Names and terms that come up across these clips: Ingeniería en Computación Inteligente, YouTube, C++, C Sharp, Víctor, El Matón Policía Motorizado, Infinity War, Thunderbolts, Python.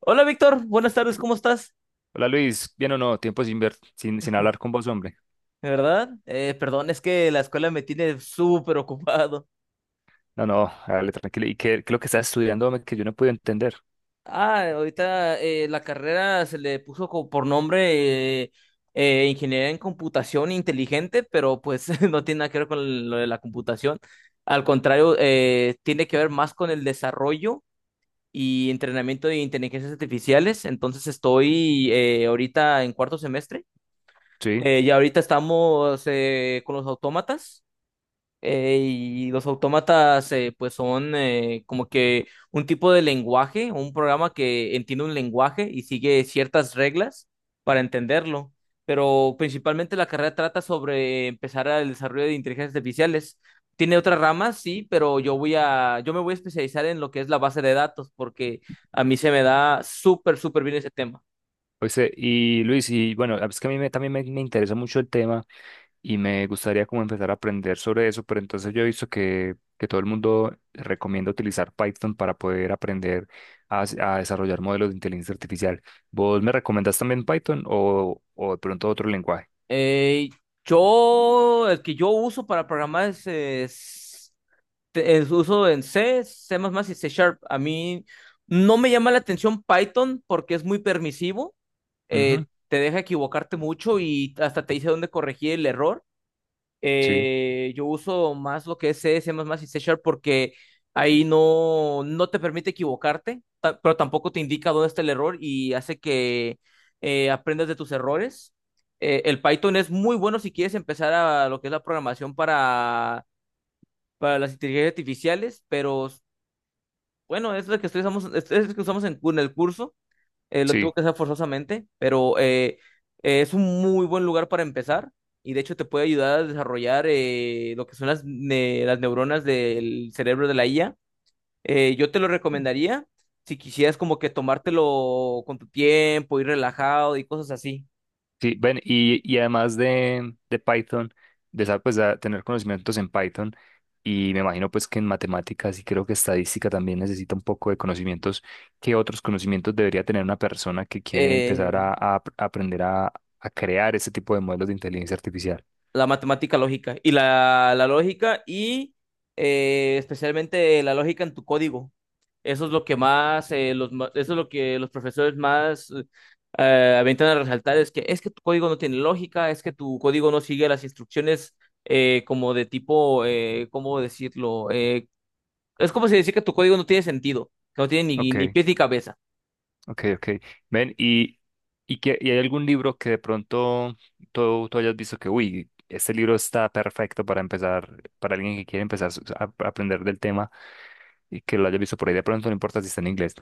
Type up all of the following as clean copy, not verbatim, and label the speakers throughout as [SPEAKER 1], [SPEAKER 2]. [SPEAKER 1] Hola Víctor, buenas tardes, ¿cómo estás?
[SPEAKER 2] Hola Luis, bien o no, tiempo sin ver, sin hablar con vos, hombre.
[SPEAKER 1] ¿De verdad? Perdón, es que la escuela me tiene súper ocupado.
[SPEAKER 2] No, no, dale tranquilo. ¿Y qué es lo que estás estudiando, hombre, que yo no puedo entender?
[SPEAKER 1] Ahorita la carrera se le puso por nombre Ingeniería en Computación Inteligente, pero pues no tiene nada que ver con lo de la computación. Al contrario, tiene que ver más con el desarrollo y entrenamiento de inteligencias artificiales. Entonces estoy ahorita en cuarto semestre.
[SPEAKER 2] Sí,
[SPEAKER 1] Y ahorita estamos con los autómatas. Y los autómatas, pues son como que un tipo de lenguaje, un programa que entiende un lenguaje y sigue ciertas reglas para entenderlo. Pero principalmente la carrera trata sobre empezar el desarrollo de inteligencias artificiales. Tiene otras ramas, sí, pero yo me voy a especializar en lo que es la base de datos, porque a mí se me da súper, súper bien ese tema.
[SPEAKER 2] oíste, y Luis, y bueno, es que a mí me interesa mucho el tema y me gustaría como empezar a aprender sobre eso, pero entonces yo he visto que todo el mundo recomienda utilizar Python para poder aprender a desarrollar modelos de inteligencia artificial. ¿Vos me recomendás también Python o de pronto otro lenguaje?
[SPEAKER 1] Eh, el que yo uso para programar es, uso en C, C++ y C Sharp. A mí no me llama la atención Python porque es muy permisivo,
[SPEAKER 2] Ujú.
[SPEAKER 1] te deja equivocarte mucho y hasta te dice dónde corregir el error.
[SPEAKER 2] Sí,
[SPEAKER 1] Yo uso más lo que es C, C++ y C Sharp porque ahí no te permite equivocarte, pero tampoco te indica dónde está el error y hace que aprendas de tus errores. El Python es muy bueno si quieres empezar a lo que es la programación para las inteligencias artificiales, pero bueno, es lo que usamos, es lo que usamos en, en el curso, lo tengo
[SPEAKER 2] sí.
[SPEAKER 1] que hacer forzosamente, pero es un muy buen lugar para empezar y de hecho te puede ayudar a desarrollar lo que son las neuronas del cerebro de la IA. Yo te lo recomendaría si quisieras como que tomártelo con tu tiempo, ir relajado y cosas así.
[SPEAKER 2] Sí, ven, y además de Python, de saber pues, a tener conocimientos en Python, y me imagino pues que en matemáticas y creo que estadística también necesita un poco de conocimientos. ¿Qué otros conocimientos debería tener una persona que quiere
[SPEAKER 1] Eh,
[SPEAKER 2] empezar a ap- aprender a crear ese tipo de modelos de inteligencia artificial?
[SPEAKER 1] la matemática lógica y la lógica y especialmente la lógica en tu código. Eso es lo que más, eso es lo que los profesores más aventan a resaltar, es que tu código no tiene lógica, es que tu código no sigue las instrucciones como de tipo, ¿cómo decirlo? Es como si decir que tu código no tiene sentido, que no tiene ni
[SPEAKER 2] Ok.
[SPEAKER 1] pies ni cabeza.
[SPEAKER 2] Ok, ok. Ven, ¿y hay algún libro que de pronto tú hayas visto que, uy, este libro está perfecto para empezar, para alguien que quiere empezar a aprender del tema y que lo haya visto por ahí de pronto, no importa si está en inglés.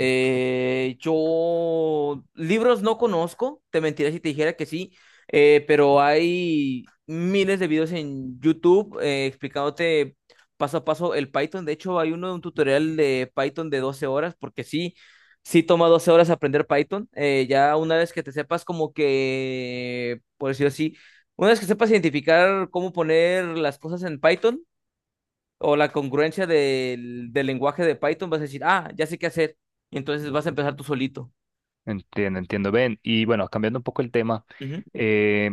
[SPEAKER 1] Yo libros no conozco, te mentiría si te dijera que sí, pero hay miles de videos en YouTube explicándote paso a paso el Python. De hecho, hay uno de un tutorial de Python de 12 horas, porque sí, sí toma 12 horas aprender Python. Ya una vez que te sepas como que, por decirlo así, una vez que sepas identificar cómo poner las cosas en Python, o la congruencia del lenguaje de Python, vas a decir, ah, ya sé qué hacer. Y entonces vas a empezar tú solito.
[SPEAKER 2] Entiendo, entiendo. Ven, y bueno, cambiando un poco el tema,
[SPEAKER 1] Ujú,
[SPEAKER 2] eh,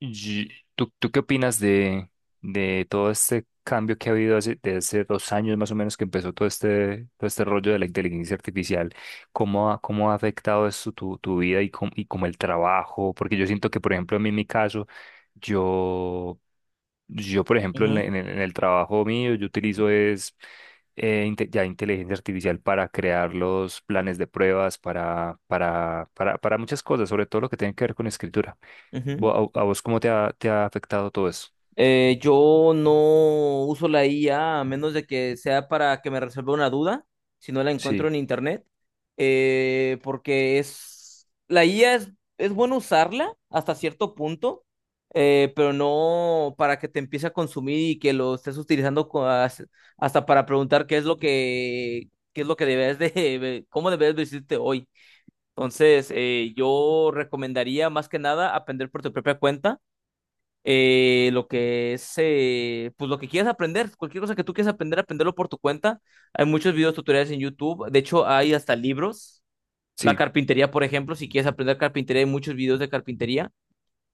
[SPEAKER 2] Y- ¿Tú qué opinas de todo este cambio que ha habido hace, desde hace dos años más o menos que empezó todo este rollo de la inteligencia artificial? Cómo ha afectado esto tu, tu vida y, com- y como el trabajo? Porque yo siento que, por ejemplo, a mí en mi caso, yo, yo por ejemplo, en, el-
[SPEAKER 1] ujú,
[SPEAKER 2] en el en el trabajo mío, yo utilizo es inte- ya inteligencia artificial para crear los planes de pruebas, para muchas cosas, sobre todo lo que tiene que ver con escritura.
[SPEAKER 1] ujú.
[SPEAKER 2] Vo- ¿A, a vos cómo te ha afectado todo eso?
[SPEAKER 1] Yo no uso la IA a menos de que sea para que me resuelva una duda, si no la encuentro
[SPEAKER 2] Sí,
[SPEAKER 1] en internet, porque es la IA es bueno usarla hasta cierto punto, pero no para que te empiece a consumir y que lo estés utilizando hasta para preguntar qué es lo que debes de cómo debes vestirte hoy. Entonces, yo recomendaría más que nada aprender por tu propia cuenta lo que es, pues lo que quieras aprender, cualquier cosa que tú quieras aprender, aprenderlo por tu cuenta. Hay muchos videos tutoriales en YouTube, de hecho hay hasta libros. La
[SPEAKER 2] sí.
[SPEAKER 1] carpintería, por ejemplo, si quieres aprender carpintería, hay muchos videos de carpintería.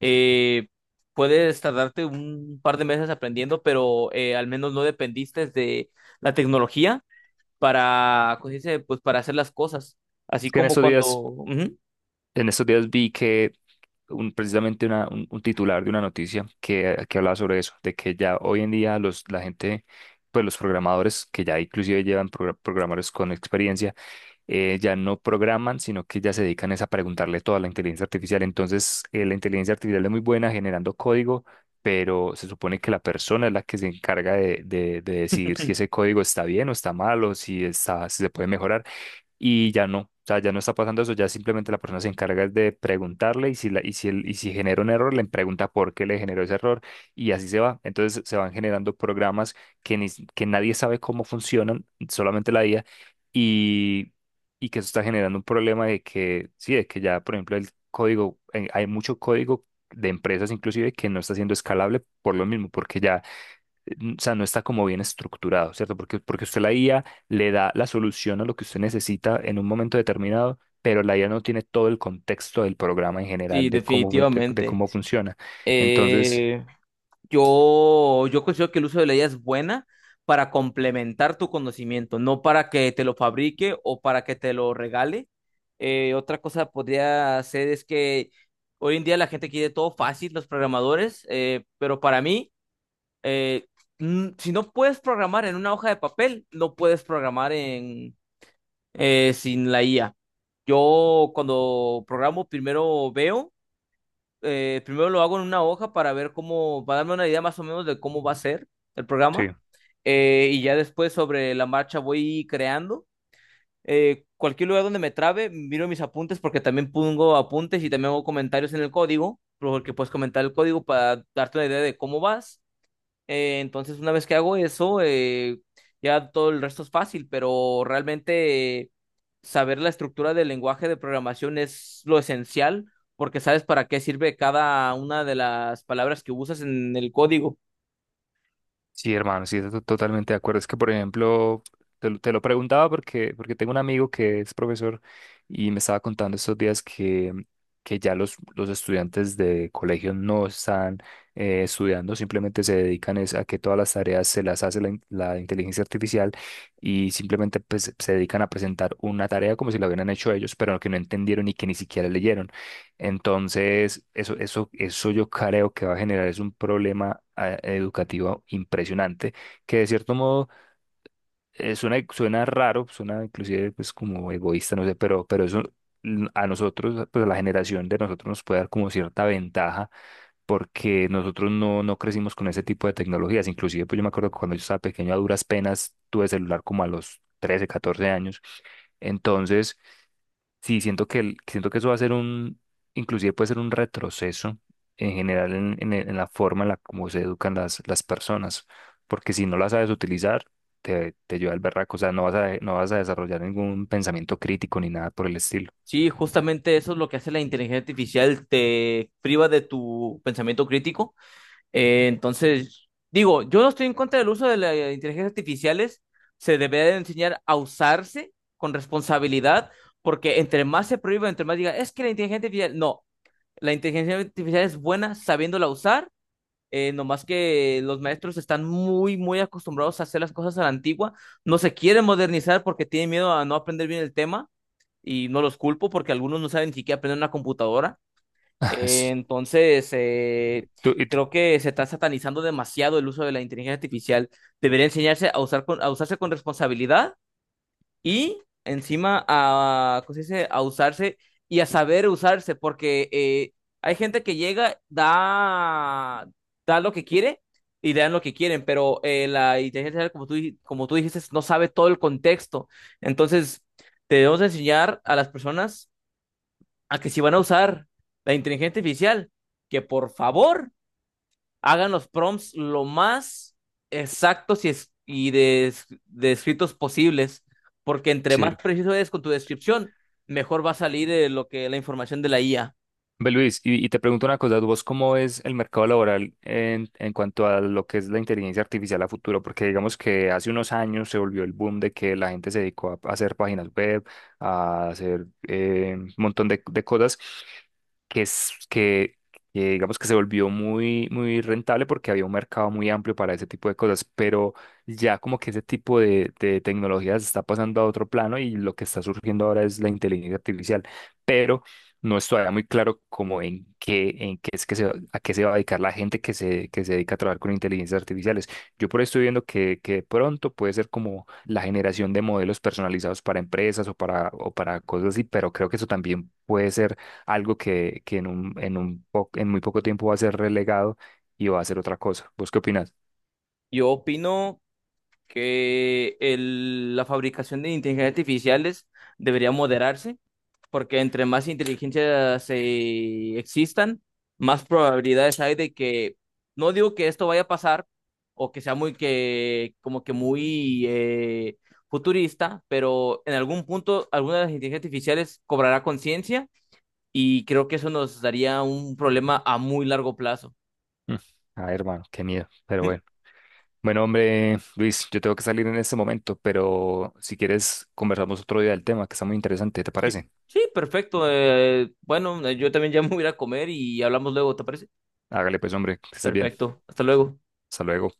[SPEAKER 1] Eh, Puedes tardarte un par de meses aprendiendo, pero al menos no dependiste de la tecnología para, ¿cómo se dice? Pues para hacer las cosas. Así
[SPEAKER 2] Es que en
[SPEAKER 1] como
[SPEAKER 2] esos
[SPEAKER 1] cuando...
[SPEAKER 2] días,
[SPEAKER 1] Ujú.
[SPEAKER 2] en estos días vi que un- precisamente una- un titular de una noticia que hablaba sobre eso, de que ya hoy en día los, la gente, pues los programadores, que ya inclusive llevan progra- programadores con experiencia, ya no programan, sino que ya se dedican es a preguntarle todo a la inteligencia artificial. Entonces, la inteligencia artificial es muy buena generando código, pero se supone que la persona es la que se encarga de decidir si ese código está bien o está mal o si está, si se puede mejorar y ya no, o sea, ya no está pasando eso, ya simplemente la persona se encarga de preguntarle y si, la, y si, y si genera un error, le pregunta por qué le generó ese error y así se va. Entonces se van generando programas que, ni s- que nadie sabe cómo funcionan, solamente la IA, y, y que eso está generando un problema de que, sí, de que ya, por ejemplo, el código, hay mucho código de empresas inclusive que no está siendo escalable por lo mismo, porque ya n- o sea, no está como bien estructurado, ¿cierto? Porque, porque usted la IA le da la solución a lo que usted necesita en un momento determinado, pero la IA no tiene todo el contexto del programa en general,
[SPEAKER 1] Sí,
[SPEAKER 2] de cómo, de
[SPEAKER 1] definitivamente.
[SPEAKER 2] cómo funciona. Entonces,
[SPEAKER 1] Eh, yo considero que el uso de la IA es buena para complementar tu conocimiento, no para que te lo fabrique o para que te lo regale. Otra cosa podría ser es que hoy en día la gente quiere todo fácil, los programadores, pero para mí, eh, si no puedes programar en una hoja de papel, no puedes programar en, sin la IA. Yo cuando programo primero veo primero lo hago en una hoja para ver cómo, para darme una idea más o menos de cómo va a ser el programa.
[SPEAKER 2] sí.
[SPEAKER 1] Y ya después sobre la marcha voy creando. Cualquier lugar donde me trabe, miro mis apuntes porque también pongo apuntes y también hago comentarios en el código, porque puedes comentar el código para darte una idea de cómo vas. Entonces, una vez que hago eso, ya todo el resto es fácil, pero realmente saber la estructura del lenguaje de programación es lo esencial, porque sabes para qué sirve cada una de las palabras que usas en el código.
[SPEAKER 2] Sí, hermano, sí, to- totalmente de acuerdo. Es que, por ejemplo, te lo preguntaba porque, porque tengo un amigo que es profesor y me estaba contando estos días que ya los estudiantes de colegio no están estudiando, simplemente se dedican es a que todas las tareas se las hace la, in- la inteligencia artificial y simplemente pues, se dedican a presentar una tarea como si la hubieran hecho ellos, pero que no entendieron y que ni siquiera leyeron. Entonces, eso yo creo que va a generar es un problema ah, educativo impresionante, que de cierto modo suena, suena raro, suena inclusive pues como egoísta, no sé, pero eso a nosotros, pues a la generación de nosotros nos puede dar como cierta ventaja, porque nosotros no, no crecimos con ese tipo de tecnologías. Inclusive, pues yo me acuerdo que cuando yo estaba pequeño, a duras penas, tuve celular como a los 13 o 14 años. Entonces, sí, siento que, siento que eso va a ser un, inclusive puede ser un retroceso en general en, en la forma en la como se educan las personas, porque si no las sabes utilizar, te lleva al berraco, o sea, no vas a, no vas a desarrollar ningún pensamiento crítico ni nada por el estilo.
[SPEAKER 1] Sí, justamente eso es lo que hace la inteligencia artificial, te priva de tu pensamiento crítico. Entonces, digo, yo no estoy en contra del uso de las inteligencias artificiales. Se debe de enseñar a usarse con responsabilidad, porque entre más se prohíba, entre más diga, es que la inteligencia artificial, no, la inteligencia artificial es buena sabiéndola usar. Nomás que los maestros están muy, muy acostumbrados a hacer las cosas a la antigua, no se quieren modernizar porque tienen miedo a no aprender bien el tema y no los culpo porque algunos no saben ni siquiera aprender una computadora. Eh,
[SPEAKER 2] Sí.
[SPEAKER 1] entonces, eh,
[SPEAKER 2] Tú- y tú-
[SPEAKER 1] Creo que se está satanizando demasiado el uso de la inteligencia artificial. Debería enseñarse a usar a usarse con responsabilidad y encima a, ¿cómo se dice? A usarse y a saber usarse, porque hay gente que llega, da lo que quiere y dan lo que quieren, pero la inteligencia artificial, como tú dijiste, no sabe todo el contexto. Entonces, debemos enseñar a las personas a que si van a usar la inteligencia artificial, que por favor hagan los prompts lo más exactos y descritos posibles, porque entre más
[SPEAKER 2] sí.
[SPEAKER 1] preciso eres con tu descripción, mejor va a salir lo que la información de la IA.
[SPEAKER 2] Ve, Luis, y te pregunto una cosa, ¿vos cómo ves el mercado laboral en cuanto a lo que es la inteligencia artificial a futuro? Porque digamos que hace unos años se volvió el boom de que la gente se dedicó a, hacer páginas web, a hacer un montón de cosas que que digamos que se volvió muy, muy rentable porque había un mercado muy amplio para ese tipo de cosas, pero ya como que ese tipo de tecnologías está pasando a otro plano y lo que está surgiendo ahora es la inteligencia artificial. Pero no es todavía muy claro como en qué es que se, va- a qué se va a dedicar la gente que se dedica a trabajar con inteligencias artificiales. Yo por ahí estoy viendo que de pronto puede ser como la generación de modelos personalizados para empresas o para cosas así, pero creo que eso también puede ser algo que en un, en muy poco tiempo va a ser relegado y va a ser otra cosa. ¿Vos qué opinas?
[SPEAKER 1] Yo opino la fabricación de inteligencias artificiales debería moderarse porque entre más inteligencias existan, más probabilidades hay de que, no digo que esto vaya a pasar o que sea como que muy futurista, pero en algún punto alguna de las inteligencias artificiales cobrará conciencia y creo que eso nos daría un problema a muy largo plazo.
[SPEAKER 2] Mm, ay, hermano, qué miedo, pero bueno. Bueno, hombre, Luis, yo tengo que salir en este momento, pero si quieres conversamos otro día del tema, que está muy interesante, ¿te
[SPEAKER 1] Sí,
[SPEAKER 2] parece?
[SPEAKER 1] sí, perfecto. Bueno, yo también ya me voy a ir a comer y hablamos luego, ¿te parece?
[SPEAKER 2] Hágale pues, hombre, que estés bien.
[SPEAKER 1] Perfecto, hasta luego.
[SPEAKER 2] Hasta luego.